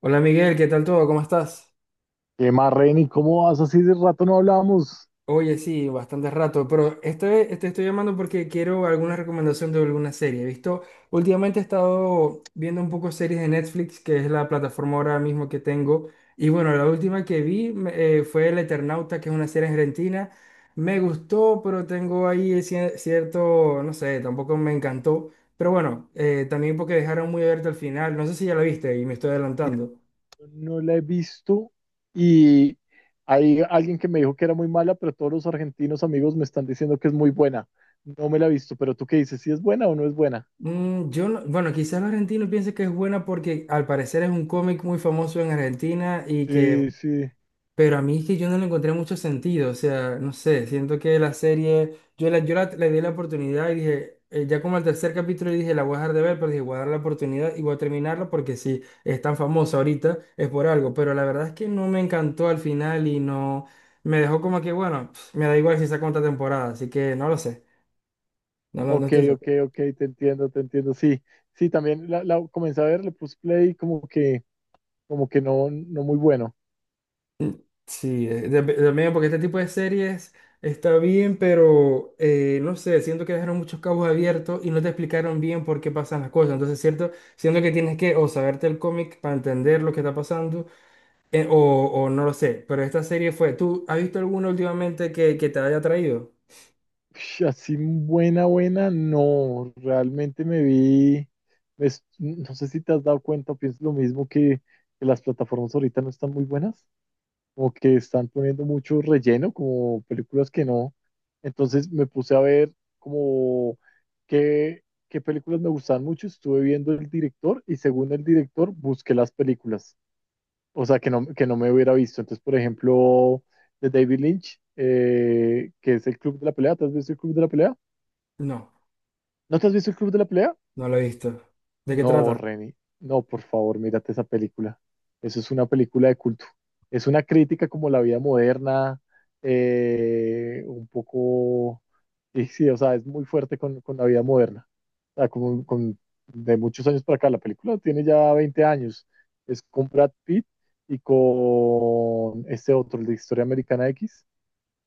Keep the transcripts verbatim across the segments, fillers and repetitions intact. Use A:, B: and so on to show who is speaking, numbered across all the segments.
A: Hola Miguel, ¿qué tal todo? ¿Cómo estás?
B: ¿Qué más, Reni? ¿Cómo vas? Así de rato no hablamos.
A: Oye, sí, bastante rato, pero este, te estoy llamando porque quiero alguna recomendación de alguna serie. He visto, últimamente he estado viendo un poco series de Netflix, que es la plataforma ahora mismo que tengo. Y bueno, la última que vi me- eh, fue El Eternauta, que es una serie argentina. Me gustó, pero tengo ahí cier- cierto, no sé, tampoco me encantó. Pero bueno, eh, también porque dejaron muy abierto al final. No sé si ya la viste y me estoy
B: Mira,
A: adelantando.
B: no la he visto y hay alguien que me dijo que era muy mala, pero todos los argentinos amigos me están diciendo que es muy buena. No me la he visto, pero tú qué dices, ¿si es buena o no es buena?
A: Mm, yo no- Bueno, quizás los argentinos piensen que es buena porque al parecer es un cómic muy famoso en Argentina y que,
B: Sí, sí.
A: pero a mí es que yo no le encontré mucho sentido, o sea, no sé, siento que la serie, yo, la, yo la- le di la oportunidad y dije, eh, ya como al tercer capítulo dije, la voy a dejar de ver, pero dije, voy a dar la oportunidad y voy a terminarla porque si es tan famosa ahorita es por algo, pero la verdad es que no me encantó al final y no, me dejó como que, bueno, pf, me da igual si saca otra temporada, así que no lo sé, no, lo- no
B: Ok,
A: estoy
B: ok,
A: seguro.
B: ok, te entiendo, te entiendo. Sí, sí, también la, la comencé a ver, le puse play como que, como que no, no muy bueno.
A: Sí, eh, tam- también porque este tipo de series está bien, pero eh, no sé, siento que dejaron muchos cabos abiertos y no te explicaron bien por qué pasan las cosas. Entonces, cierto, siento que tienes que o saberte el cómic para entender lo que está pasando eh, o, o no lo sé. Pero esta serie fue, ¿tú has visto alguna últimamente que, que te haya traído?
B: Ush, así buena, buena, no, realmente me vi, es- no sé si te has dado cuenta, pienso lo mismo que, que las plataformas ahorita no están muy buenas, como que están poniendo mucho relleno, como películas que no, entonces me puse a ver como qué, qué películas me gustaban mucho, estuve viendo el director y según el director busqué las películas, o sea, que no, que no me hubiera visto, entonces por ejemplo, de David Lynch, eh, que es el Club de la Pelea. ¿Te has visto el Club de la Pelea?
A: No,
B: ¿No te has visto el Club de la Pelea?
A: no lo he visto. ¿De qué
B: No,
A: trata?
B: Reni. No, por favor, mírate esa película. Eso es una película de culto. Es una crítica como la vida moderna, eh, un poco, y sí, o sea, es muy fuerte con, con la vida moderna. O sea, como con, de muchos años para acá. La película tiene ya veinte años. Es con Brad Pitt y con este otro, el de Historia Americana X.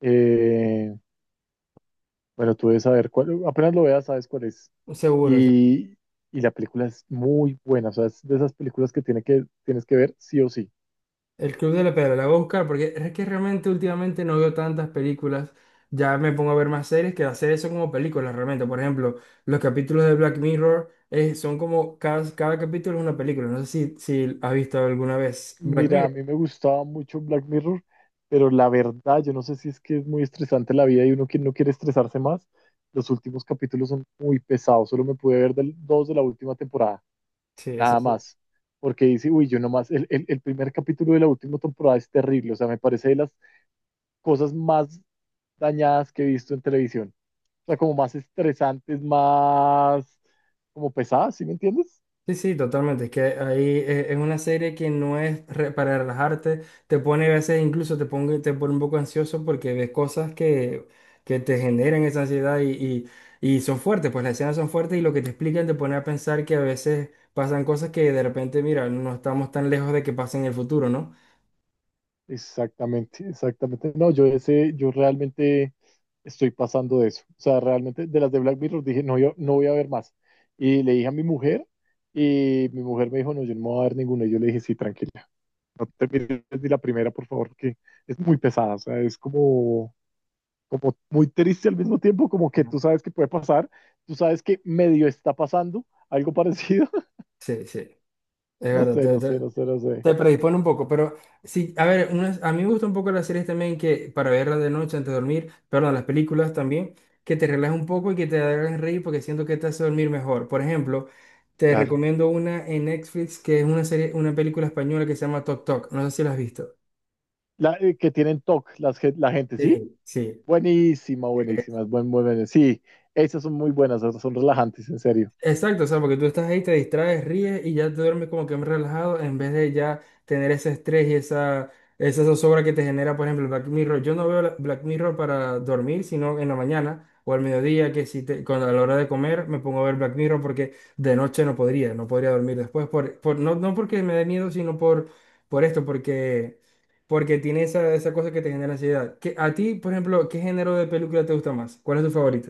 B: Eh, bueno, tú debes saber cuál, apenas lo veas, sabes cuál es.
A: Seguro.
B: Y, y la película es muy buena, o sea, es de esas películas que, tiene que tienes que ver sí o sí.
A: El Club de la Pedra, la voy a buscar porque es que realmente últimamente no veo tantas películas. Ya me pongo a ver más series que hacer eso como películas realmente. Por ejemplo, los capítulos de Black Mirror eh, son como cada, cada capítulo es una película. No sé si, si has visto alguna vez Black
B: Mira, a
A: Mirror.
B: mí me gustaba mucho Black Mirror, pero la verdad, yo no sé si es que es muy estresante la vida y uno que no quiere estresarse más. Los últimos capítulos son muy pesados, solo me pude ver del, dos de la última temporada,
A: Sí, eso
B: nada
A: sí.
B: más. Porque dice, uy, yo nomás, el, el, el primer capítulo de la última temporada es terrible, o sea, me parece de las cosas más dañadas que he visto en televisión. O sea, como más estresantes, más como pesadas, ¿sí me entiendes?
A: Sí, sí, totalmente. Es que ahí eh, es una serie que no es re- para relajarte, te pone a veces incluso te pone, te pone un poco ansioso porque ves cosas que, que te generan esa ansiedad y, y, y son fuertes, pues las escenas son fuertes y lo que te explican te pone a pensar que a veces pasan cosas que de repente, mira, no estamos tan lejos de que pasen en el futuro, ¿no?
B: Exactamente, exactamente. No, yo ese, yo realmente estoy pasando de eso. O sea, realmente de las de Black Mirror dije, no, yo no voy a ver más. Y le dije a mi mujer y mi mujer me dijo, no, yo no me voy a ver ninguna. Y yo le dije, sí, tranquila, no te mires ni la primera, por favor, que es muy pesada. O sea, es como, como muy triste al mismo tiempo, como que
A: Ujú.
B: tú sabes que puede pasar, tú sabes que medio está pasando algo parecido.
A: Sí, sí, es
B: No sé, no
A: verdad.
B: sé, no sé, no sé.
A: Te predispone un poco, pero sí, a ver, unas- a mí me gusta un poco las series también que para verlas de noche antes de dormir, perdón, las películas también, que te relajes un poco y que te hagan reír porque siento que te hace dormir mejor. Por ejemplo, te
B: Claro.
A: recomiendo una en Netflix que es una serie, una película española que se llama Tok Tok, no sé si la has visto.
B: La, eh, que tienen TOC, las, gen- la gente, ¿sí?
A: Sí, sí.
B: Buenísima, buenísima, es buen, buen, buen- sí, esas son muy buenas, esas son relajantes, en serio.
A: Exacto, o sea, porque tú estás ahí, te distraes, ríes y ya te duermes como que más relajado en vez de ya tener ese estrés y esa, esa zozobra que te genera, por ejemplo, el Black Mirror. Yo no veo la- Black Mirror para dormir, sino en la mañana o al mediodía, que si te, cuando a la hora de comer me pongo a ver Black Mirror porque de noche no podría, no podría dormir después, por, por, no, no porque me dé miedo, sino por, por esto, porque, porque tiene esa, esa cosa que te genera ansiedad. ¿Qué- ¿a ti, por ejemplo, qué género de película te gusta más? ¿Cuál es tu favorito?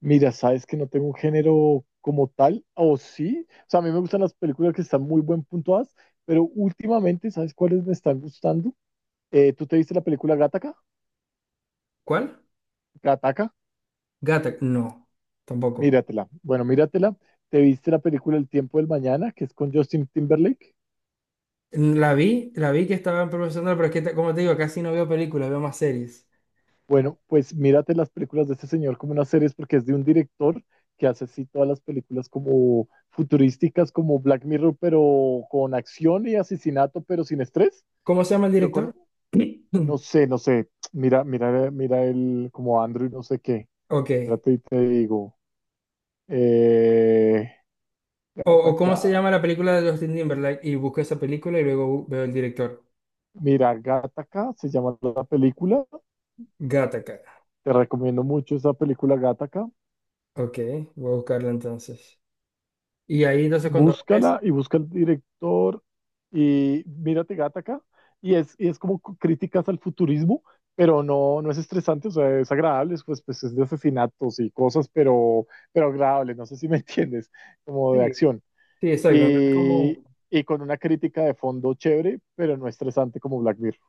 B: Mira, sabes que no tengo un género como tal, o sí. O sea, a mí me gustan las películas que están muy buen puntuadas, pero últimamente, ¿sabes cuáles me están gustando? Eh, ¿tú te viste la película Gataca?
A: ¿Cuál?
B: Gataca,
A: Gata, no, tampoco.
B: míratela. Bueno, míratela. ¿Te viste la película El tiempo del mañana, que es con Justin Timberlake?
A: La vi, la vi que estaban promocionando, pero es que, te- como te digo, casi no veo películas, veo más series.
B: Bueno, pues mírate las películas de este señor como unas series porque es de un director que hace así todas las películas como futurísticas, como Black Mirror, pero con acción y asesinato, pero sin estrés,
A: ¿Cómo se llama el
B: pero con,
A: director?
B: no sé, no sé, mira, mira, mira el como Andrew, no sé qué,
A: Ok.
B: espérate y te digo, eh,
A: O, o cómo se
B: Gattaca,
A: llama la película de Justin Timberlake y busco esa película y luego bu- veo el director.
B: mira, Gattaca se llama la película,
A: Gattaca.
B: te recomiendo mucho esa película Gattaca,
A: Ok, voy a buscarla entonces. Y ahí entonces cuando ves...
B: búscala y busca el director y mírate Gattaca y es, y es como c- críticas al futurismo, pero no, no es estresante, o sea, es agradable, es, pues, pues es de asesinatos y cosas, pero, pero agradable, no sé si me entiendes, como
A: Sí,
B: de acción.
A: sí, exacto. No es como...
B: Y, y con una crítica de fondo chévere, pero no estresante como Black Mirror.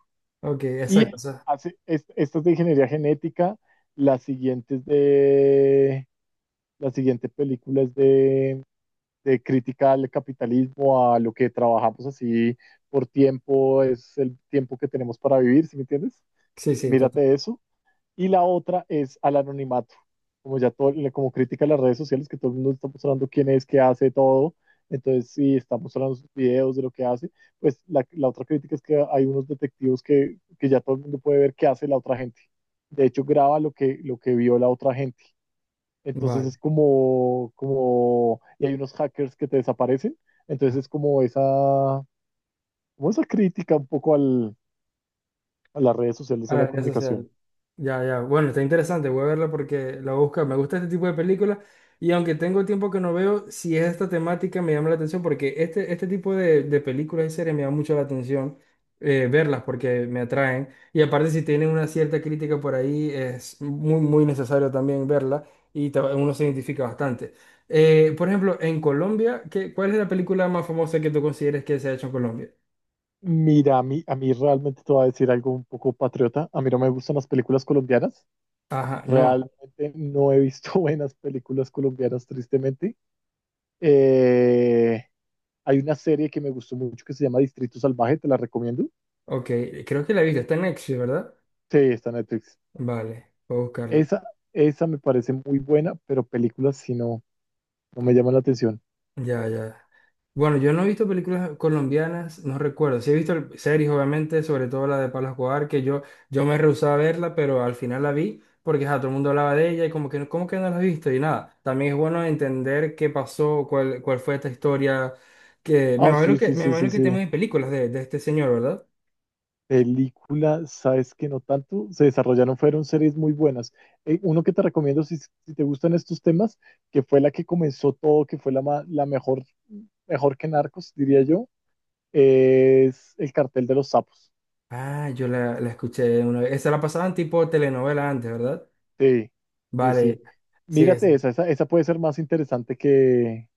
A: Ok,
B: Y
A: exacto. O
B: él
A: sea,
B: hace, es- esta es de ingeniería genética, la siguiente es de... La siguiente película es de de crítica al capitalismo, a lo que trabajamos así por tiempo, es el tiempo que tenemos para vivir, ¿sí me entiendes?
A: sí, sí, total.
B: Mírate eso. Y la otra es al anonimato, como ya todo, como crítica a las redes sociales, que todo el mundo está mostrando quién es, qué hace, todo. Entonces, si está mostrando sus videos de lo que hace, pues la, la otra crítica es que hay unos detectivos que, que ya todo el mundo puede ver qué hace la otra gente. De hecho, graba lo que, lo que vio la otra gente. Entonces es
A: Vale.
B: como, como, y hay unos hackers que te desaparecen. Entonces es como esa, como esa crítica un poco al, a las redes sociales
A: A
B: de la
A: las redes sociales.
B: comunicación.
A: Ya, ya. Bueno, está interesante. Voy a verla porque la busca. Me gusta este tipo de películas. Y aunque tengo tiempo que no veo, si es esta temática me llama la atención porque este, este tipo de, de películas y series me llama mucho la atención eh, verlas porque me atraen. Y aparte, si tienen una cierta crítica por ahí, es muy, muy necesario también verla y te- uno se identifica bastante. Eh, por ejemplo, en Colombia, ¿qué, ¿cuál es la película más famosa que tú consideres que se ha hecho en Colombia?
B: Mira, a mí, a mí realmente te voy a decir algo un poco patriota. A mí no me gustan las películas colombianas.
A: Ajá, no.
B: Realmente no he visto buenas películas colombianas, tristemente. Eh, Hay una serie que me gustó mucho que se llama Distrito Salvaje, te la recomiendo.
A: Ok, creo que la he visto. Está en Netflix, ¿verdad?
B: Sí, está en Netflix.
A: Vale, voy a buscarla.
B: Esa, esa me parece muy buena, pero películas si no, no me llama la atención.
A: Ya, ya. Bueno, yo no he visto películas colombianas, no recuerdo. Sí he visto el- series, obviamente, sobre todo la de Pablo Escobar, que yo, yo me rehusaba a verla, pero al final la vi porque ja, todo el mundo hablaba de ella y como que, no- ¿cómo que no la has visto? Y nada, también es bueno entender qué pasó, cuál, cuál fue esta historia, que me
B: Ah, sí,
A: imagino que,
B: sí,
A: me
B: sí,
A: imagino
B: sí,
A: que
B: sí.
A: tenemos películas de, de este señor, ¿verdad?
B: Película, sabes que no tanto. Se desarrollaron, fueron series muy buenas. Eh, uno que te recomiendo si, si te gustan estos temas, que fue la que comenzó todo, que fue la, ma- la mejor, mejor que Narcos, diría yo, es El Cartel de los Sapos.
A: Ah, yo la, la escuché una vez. Esa la pasaban tipo telenovela antes, ¿verdad?
B: Sí, sí,
A: Vale.
B: sí.
A: Sí, esa.
B: Mírate esa, esa, esa puede ser más interesante que,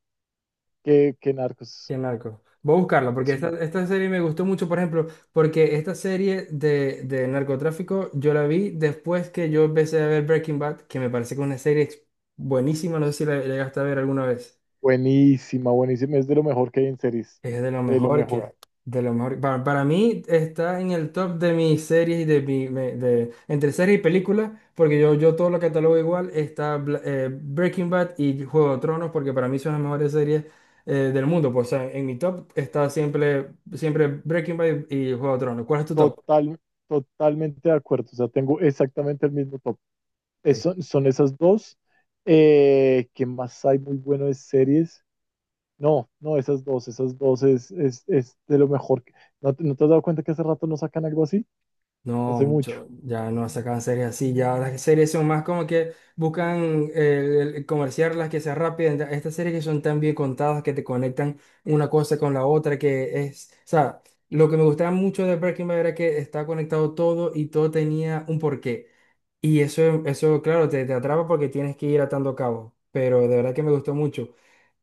B: que, que Narcos.
A: Qué narco. Voy a buscarlo porque esta,
B: Sí.
A: esta serie me gustó mucho, por ejemplo, porque esta serie de, de narcotráfico yo la vi después que yo empecé a ver Breaking Bad, que me parece que es una serie buenísima, no sé si la la llegaste a ver alguna vez.
B: Buenísima, buenísima. Es de lo mejor que hay en series.
A: Es de lo
B: De lo
A: mejor que hay.
B: mejor.
A: De lo mejor. Para, para mí está en el top de mis series y de mi. Me- de, entre series y películas, porque yo, yo todo lo catalogo igual. Está Bla- eh, Breaking Bad y Juego de Tronos, porque para mí son las mejores series eh, del mundo. Pues, o sea, en mi top está siempre, siempre Breaking Bad y, y Juego de Tronos. ¿Cuál es tu top?
B: Total, totalmente de acuerdo. O sea, tengo exactamente el mismo top. Eso, son esas dos. Eh, ¿qué más hay muy bueno de series? No, no, esas dos, esas dos es, es, es de lo mejor. que- ¿No, te- no te has dado cuenta que hace rato no sacan algo así?
A: No,
B: Hace mucho.
A: mucho, ya no sacan series así, ya las series son más como que buscan el, el comerciar las que sean rápidas, enta- estas series que son tan bien contadas que te conectan una cosa con la otra, que es, o sea, lo que me gustaba mucho de Breaking Bad era que estaba conectado todo y todo tenía un porqué. Y eso, eso claro, te, te atrapa porque tienes que ir atando cabos, pero de verdad que me gustó mucho.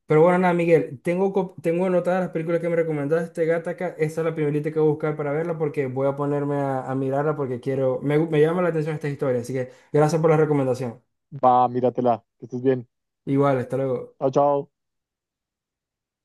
A: Pero bueno, nada, Miguel, tengo, co- tengo anotadas las películas que me recomendaste, Gattaca. Esa es la primerita que voy a buscar para verla porque voy a ponerme a, a mirarla porque quiero, me, gu- me llama la atención esta historia. Así que gracias por la recomendación.
B: Va, míratela, que estés bien.
A: Igual, hasta luego.
B: Chao, chao.